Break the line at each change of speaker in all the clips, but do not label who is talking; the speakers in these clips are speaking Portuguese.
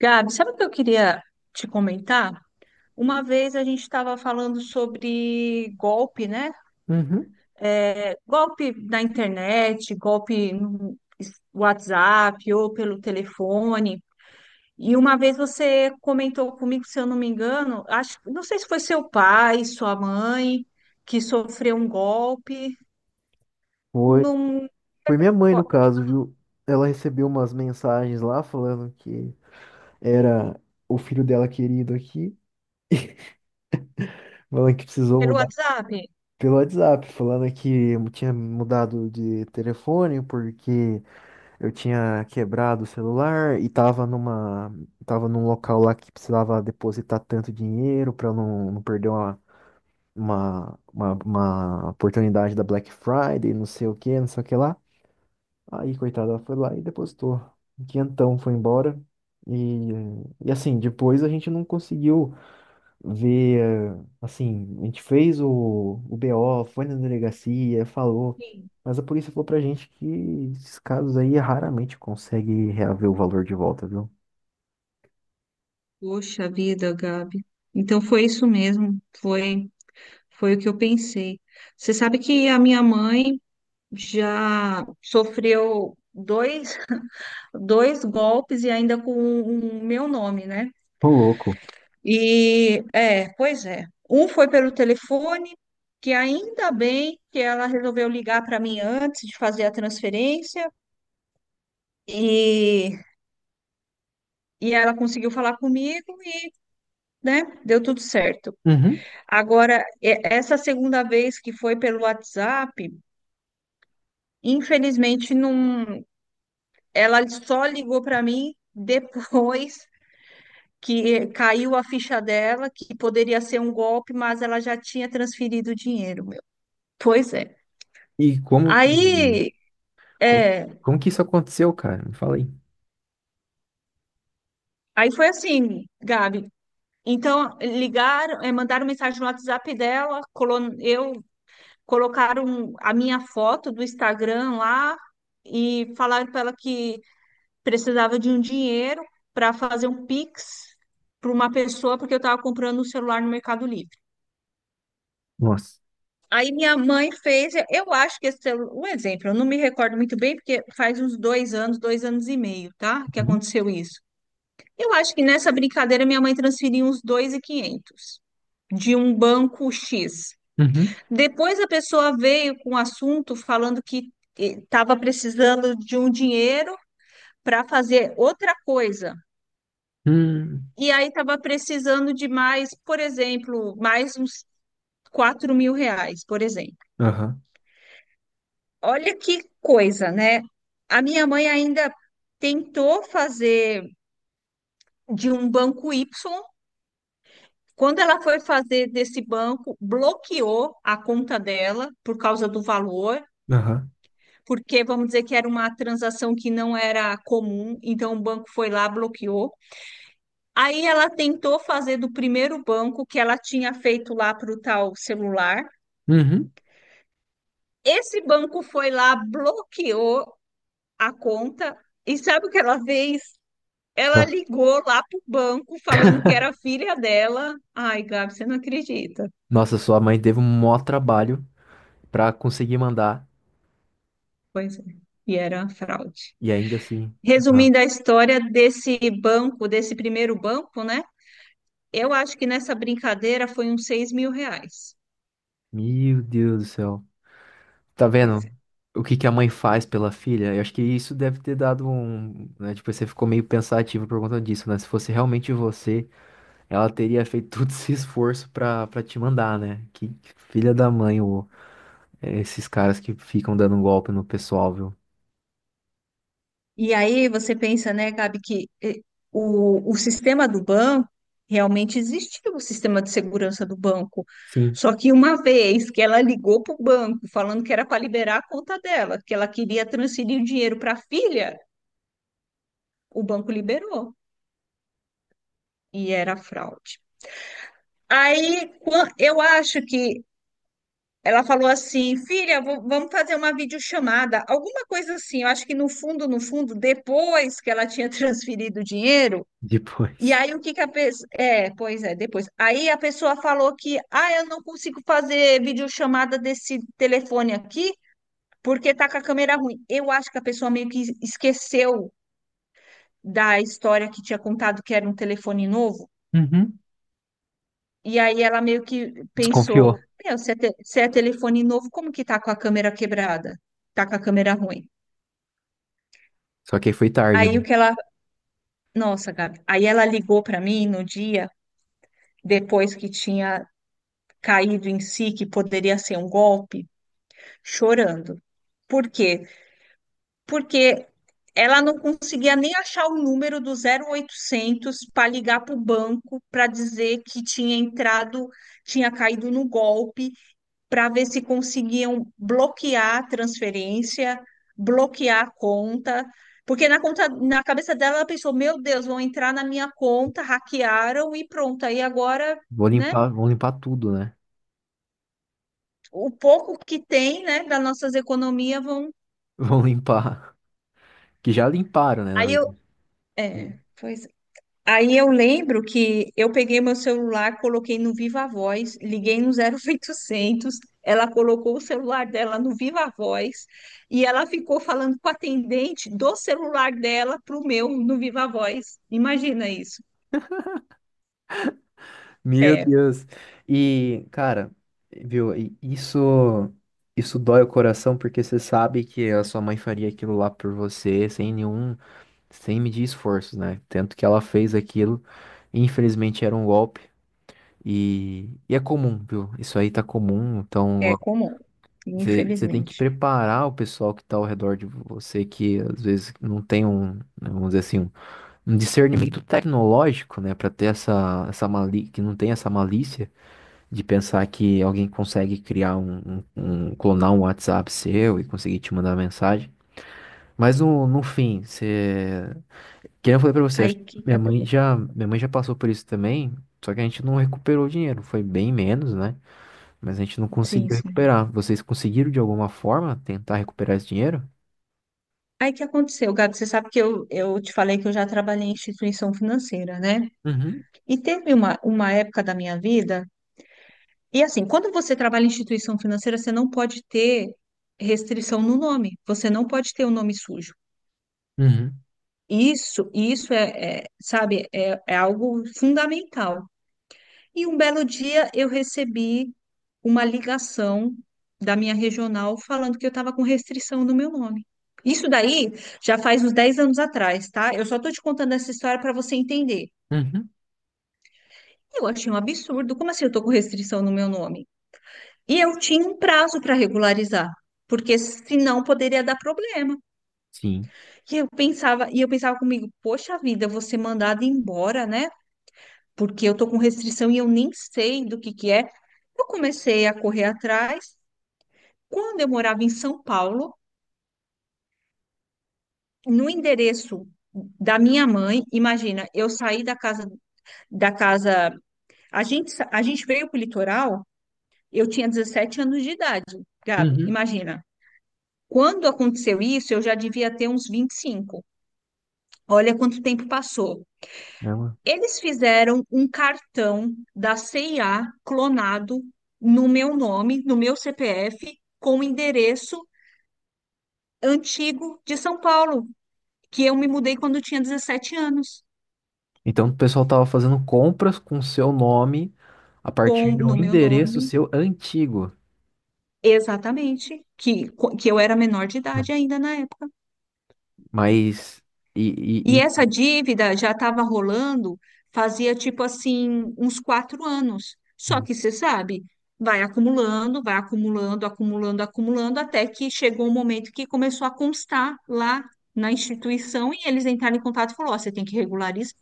Gabi, sabe o que eu queria te comentar? Uma vez a gente estava falando sobre golpe, né?
Uhum.
É, golpe na internet, golpe no WhatsApp ou pelo telefone. E uma vez você comentou comigo, se eu não me engano, acho, não sei se foi seu pai, sua mãe, que sofreu um golpe
Foi.
num,
Foi minha mãe, no
co-
caso, viu? Ela recebeu umas mensagens lá falando que era o filho dela querido aqui, falando que precisou
pelo
mudar
WhatsApp.
pelo WhatsApp, falando que eu tinha mudado de telefone porque eu tinha quebrado o celular e tava num local lá que precisava depositar tanto dinheiro para não perder uma oportunidade da Black Friday, não sei o que, não sei o que lá. Aí, coitada, ela foi lá e depositou. Um Quinhentão foi embora. E, e assim, depois a gente não conseguiu ver. Assim, a gente fez o BO, foi na delegacia, falou.
Sim.
Mas a polícia falou pra gente que esses casos aí raramente consegue reaver o valor de volta, viu?
Poxa vida, Gabi. Então foi isso mesmo, foi. Foi o que eu pensei. Você sabe que a minha mãe já sofreu dois golpes e ainda com o meu nome, né?
Ô, louco.
E é, pois é. Um foi pelo telefone, que ainda bem que ela resolveu ligar para mim antes de fazer a transferência e, e ela conseguiu falar comigo e, né, deu tudo certo.
Uhum.
Agora, essa segunda vez que foi pelo WhatsApp, infelizmente não. Ela só ligou para mim depois que caiu a ficha dela, que poderia ser um golpe, mas ela já tinha transferido o dinheiro, meu. Pois é.
E
Aí,
co-
é,
como que isso aconteceu, cara? Me fala aí.
aí foi assim, Gabi. Então, ligaram, mandaram mensagem no WhatsApp dela, eu colocaram a minha foto do Instagram lá e falaram para ela que precisava de um dinheiro para fazer um Pix para uma pessoa, porque eu estava comprando um celular no Mercado Livre.
Nossa.
Aí minha mãe fez, eu acho que esse um exemplo, eu não me recordo muito bem, porque faz uns 2 anos, 2 anos e meio, tá? Que
Uhum.
aconteceu isso. Eu acho que nessa brincadeira minha mãe transferiu uns 2.500 de um banco X.
Uhum.
Depois a pessoa veio com um assunto falando que estava precisando de um dinheiro para fazer outra coisa.
Hum.
E aí estava precisando de mais, por exemplo, mais uns R$ 4.000, por exemplo.
Aham.
Olha que coisa, né? A minha mãe ainda tentou fazer de um banco Y. Quando ela foi fazer desse banco, bloqueou a conta dela por causa do valor,
Aham.
porque vamos dizer que era uma transação que não era comum, então o banco foi lá, bloqueou. Aí ela tentou fazer do primeiro banco que ela tinha feito lá para o tal celular.
Uhum.
Esse banco foi lá, bloqueou a conta. E sabe o que ela fez? Ela ligou lá pro banco falando que era a filha dela. Ai, Gabi, você não acredita.
Nossa, sua mãe teve um maior trabalho pra conseguir mandar
Pois é. E era uma fraude.
e ainda assim. Aham.
Resumindo a história desse banco, desse primeiro banco, né? Eu acho que nessa brincadeira foi uns R$ 6.000.
Meu Deus do céu. Tá
Pois
vendo
é.
o que que a mãe faz pela filha? Eu acho que isso deve ter dado um, né, tipo, você ficou meio pensativo por conta disso, né? Se fosse realmente você, ela teria feito todo esse esforço pra para te mandar, né? Que filha da mãe, ô, é, esses caras que ficam dando um golpe no pessoal, viu?
E aí você pensa, né, Gabi, que o sistema do banco realmente existia o sistema de segurança do banco.
Sim,
Só que uma vez que ela ligou para o banco falando que era para liberar a conta dela, que ela queria transferir o dinheiro para a filha, o banco liberou e era fraude. Aí eu acho que ela falou assim, filha, vamos fazer uma videochamada, alguma coisa assim. Eu acho que no fundo, no fundo, depois que ela tinha transferido o dinheiro. E
depois.
aí o que que a pessoa. É, pois é, depois. Aí a pessoa falou que, ah, eu não consigo fazer videochamada desse telefone aqui porque tá com a câmera ruim. Eu acho que a pessoa meio que esqueceu da história que tinha contado que era um telefone novo.
Uhum.
E aí ela meio que pensou,
Desconfiou.
meu, se é telefone novo, como que tá com a câmera quebrada? Tá com a câmera ruim.
Só que aí foi tarde,
Aí
né?
o que ela. Nossa, Gabi. Aí ela ligou para mim no dia depois que tinha caído em si, que poderia ser um golpe. Chorando. Por quê? Porque ela não conseguia nem achar o número do 0800 para ligar para o banco para dizer que tinha entrado, tinha caído no golpe, para ver se conseguiam bloquear a transferência, bloquear a conta. Porque na conta, na cabeça dela, ela pensou: meu Deus, vão entrar na minha conta, hackearam e pronto. Aí agora, né?
Vão limpar tudo, né?
O pouco que tem, né, das nossas economias vão.
Vão limpar. Que já limparam, né, na
Aí eu.
verdade.
É, foi Aí eu lembro que eu peguei meu celular, coloquei no Viva Voz, liguei no 0800, ela colocou o celular dela no Viva Voz e ela ficou falando com o atendente do celular dela para o meu no Viva Voz. Imagina isso.
Meu
É,
Deus. E, cara, viu, e isso dói o coração porque você sabe que a sua mãe faria aquilo lá por você sem nenhum, sem medir esforços, né? Tanto que ela fez aquilo, infelizmente era um golpe e é comum, viu? Isso aí tá comum, então
é
ó,
comum,
você tem que
infelizmente.
preparar o pessoal que tá ao redor de você que às vezes não tem um, né, vamos dizer assim, um discernimento tecnológico, né, para ter essa, essa mali que não tem essa malícia de pensar que alguém consegue criar clonar um WhatsApp seu e conseguir te mandar mensagem. Mas no fim, você, que nem eu falei para você,
Aí
acho que minha mãe já passou por isso também, só que a gente não recuperou o dinheiro, foi bem menos, né? Mas a gente não
sim,
conseguiu
sim.
recuperar. Vocês conseguiram de alguma forma tentar recuperar esse dinheiro?
Aí que aconteceu, Gabi, você sabe que eu te falei que eu já trabalhei em instituição financeira, né?
Uhum,
E teve uma época da minha vida. E assim, quando você trabalha em instituição financeira, você não pode ter restrição no nome, você não pode ter o nome sujo.
uhum,
Isso é, sabe, é algo fundamental. E um belo dia eu recebi uma ligação da minha regional falando que eu estava com restrição no meu nome. Isso daí já faz uns 10 anos atrás, tá? Eu só estou te contando essa história para você entender.
uhum,
Eu achei um absurdo. Como assim eu estou com restrição no meu nome? E eu tinha um prazo para regularizar, porque senão poderia dar problema.
sim.
E eu pensava comigo, poxa vida, eu vou ser mandada embora, né? Porque eu tô com restrição e eu nem sei do que é. Eu comecei a correr atrás. Quando eu morava em São Paulo, no endereço da minha mãe, imagina, eu saí da casa da casa, a gente veio para o litoral, eu tinha 17 anos de idade, Gabi,
Uhum.
imagina. Quando aconteceu isso, eu já devia ter uns 25. Olha quanto tempo passou.
É mano?
Eles fizeram um cartão da CIA clonado no meu nome, no meu CPF, com o endereço antigo de São Paulo, que eu me mudei quando eu tinha 17 anos,
Então, o pessoal tava fazendo compras com seu nome a
com
partir de um
no meu
endereço
nome,
seu antigo.
exatamente, que eu era menor de idade
Hum.
ainda na época.
Mas.
E
E...
essa dívida já estava rolando fazia tipo assim uns 4 anos. Só
Uhum.
que você sabe, vai acumulando, acumulando, acumulando, até que chegou um momento que começou a constar lá na instituição e eles entraram em contato e falou, ó, você tem que regularizar.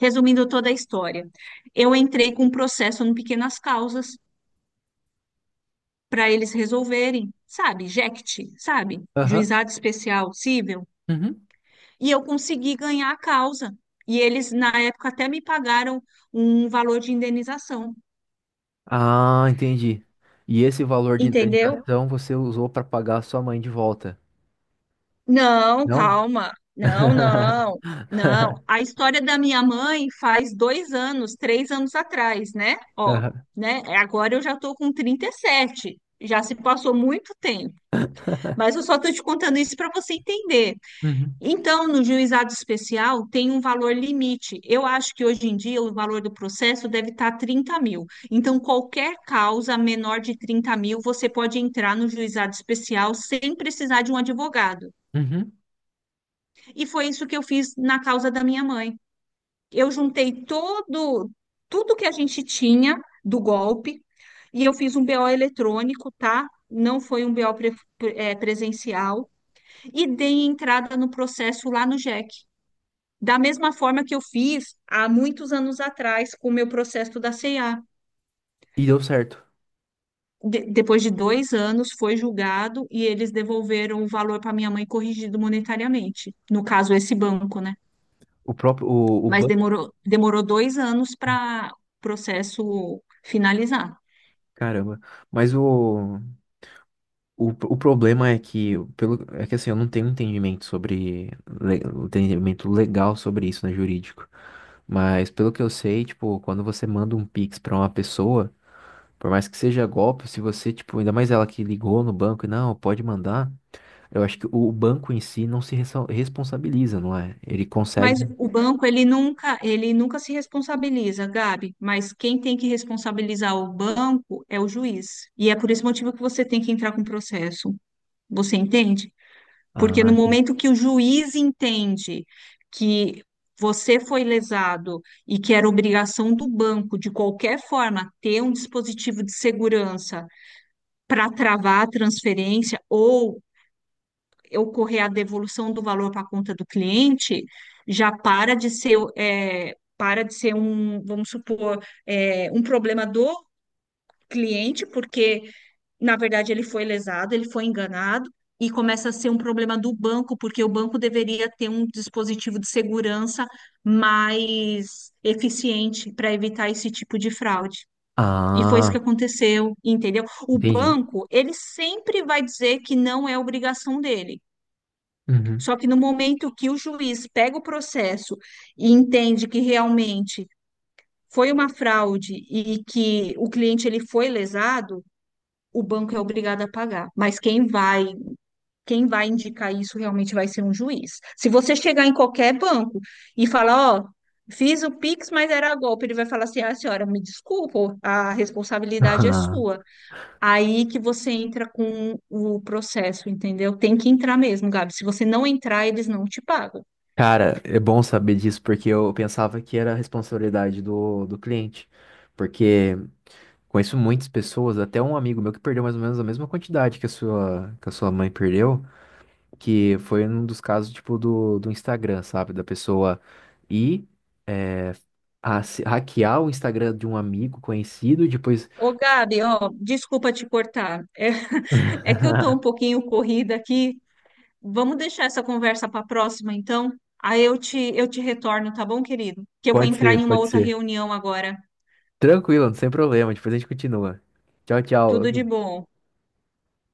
Resumindo toda a história, eu entrei com um processo no Pequenas Causas para eles resolverem, sabe, JECT, sabe,
Aham.
Juizado Especial Cível.
Uhum.
E eu consegui ganhar a causa. E eles, na época, até me pagaram um valor de indenização.
Ah, entendi. E esse valor de
Entendeu?
indenização você usou para pagar a sua mãe de volta?
Não,
Não?
calma. Não, não, não. A história da minha mãe faz 2 anos, 3 anos atrás, né? Ó,
Aham.
né? Agora eu já tô com 37. Já se passou muito tempo. Mas eu só tô te contando isso para você entender.
Uhum.
Então, no juizado especial, tem um valor limite. Eu acho que hoje em dia o valor do processo deve estar 30.000. Então, qualquer causa menor de 30.000, você pode entrar no juizado especial sem precisar de um advogado.
Uhum.
E foi isso que eu fiz na causa da minha mãe. Eu juntei todo, tudo que a gente tinha do golpe e eu fiz um BO eletrônico, tá? Não foi um BO presencial. E dei entrada no processo lá no JEC. Da mesma forma que eu fiz há muitos anos atrás com o meu processo da CEA.
E deu certo.
Depois de 2 anos, foi julgado e eles devolveram o valor para minha mãe corrigido monetariamente. No caso, esse banco, né?
O próprio. O
Mas
banco.
demorou, demorou 2 anos para o processo finalizar.
Caramba. Mas o. O problema é que, pelo, é que assim, eu não tenho entendimento sobre, um entendimento legal sobre isso, né, jurídico. Mas pelo que eu sei, tipo, quando você manda um Pix pra uma pessoa, por mais que seja golpe, se você, tipo, ainda mais ela que ligou no banco e não, pode mandar, eu acho que o banco em si não se ressa- responsabiliza, não é? Ele consegue.
Mas o banco, ele nunca se responsabiliza, Gabi. Mas quem tem que responsabilizar o banco é o juiz. E é por esse motivo que você tem que entrar com o processo. Você entende? Porque
Ah,
no
entendi.
momento que o juiz entende que você foi lesado e que era obrigação do banco, de qualquer forma, ter um dispositivo de segurança para travar a transferência ou ocorrer a devolução do valor para a conta do cliente, já para de ser, para de ser um, vamos supor, um problema do cliente, porque na verdade, ele foi lesado, ele foi enganado, e começa a ser um problema do banco, porque o banco deveria ter um dispositivo de segurança mais eficiente para evitar esse tipo de fraude. E foi isso que
Ah,
aconteceu, entendeu? O
entendi.
banco, ele sempre vai dizer que não é obrigação dele.
Uhum.
Só que no momento que o juiz pega o processo e entende que realmente foi uma fraude e que o cliente ele foi lesado, o banco é obrigado a pagar. Mas quem vai indicar isso realmente vai ser um juiz. Se você chegar em qualquer banco e falar, ó, fiz o Pix, mas era golpe, ele vai falar assim, ah, senhora, me desculpa, a responsabilidade é sua. Aí que você entra com o processo, entendeu? Tem que entrar mesmo, Gabi. Se você não entrar, eles não te pagam.
Cara, é bom saber disso, porque eu pensava que era a responsabilidade do cliente. Porque conheço muitas pessoas, até um amigo meu que perdeu mais ou menos a mesma quantidade que a sua mãe perdeu, que foi um dos casos, tipo, do Instagram, sabe? Da pessoa ir, é, hackear o Instagram de um amigo conhecido e depois.
Ô, Gabi, ó, desculpa te cortar. É, é que eu tô um pouquinho corrida aqui. Vamos deixar essa conversa para a próxima, então? Aí eu te retorno, tá bom, querido? Que eu vou entrar em uma
Pode
outra
ser.
reunião agora.
Tranquilo, sem problema, depois a gente continua. Tchau,
Tudo
tchau.
de bom.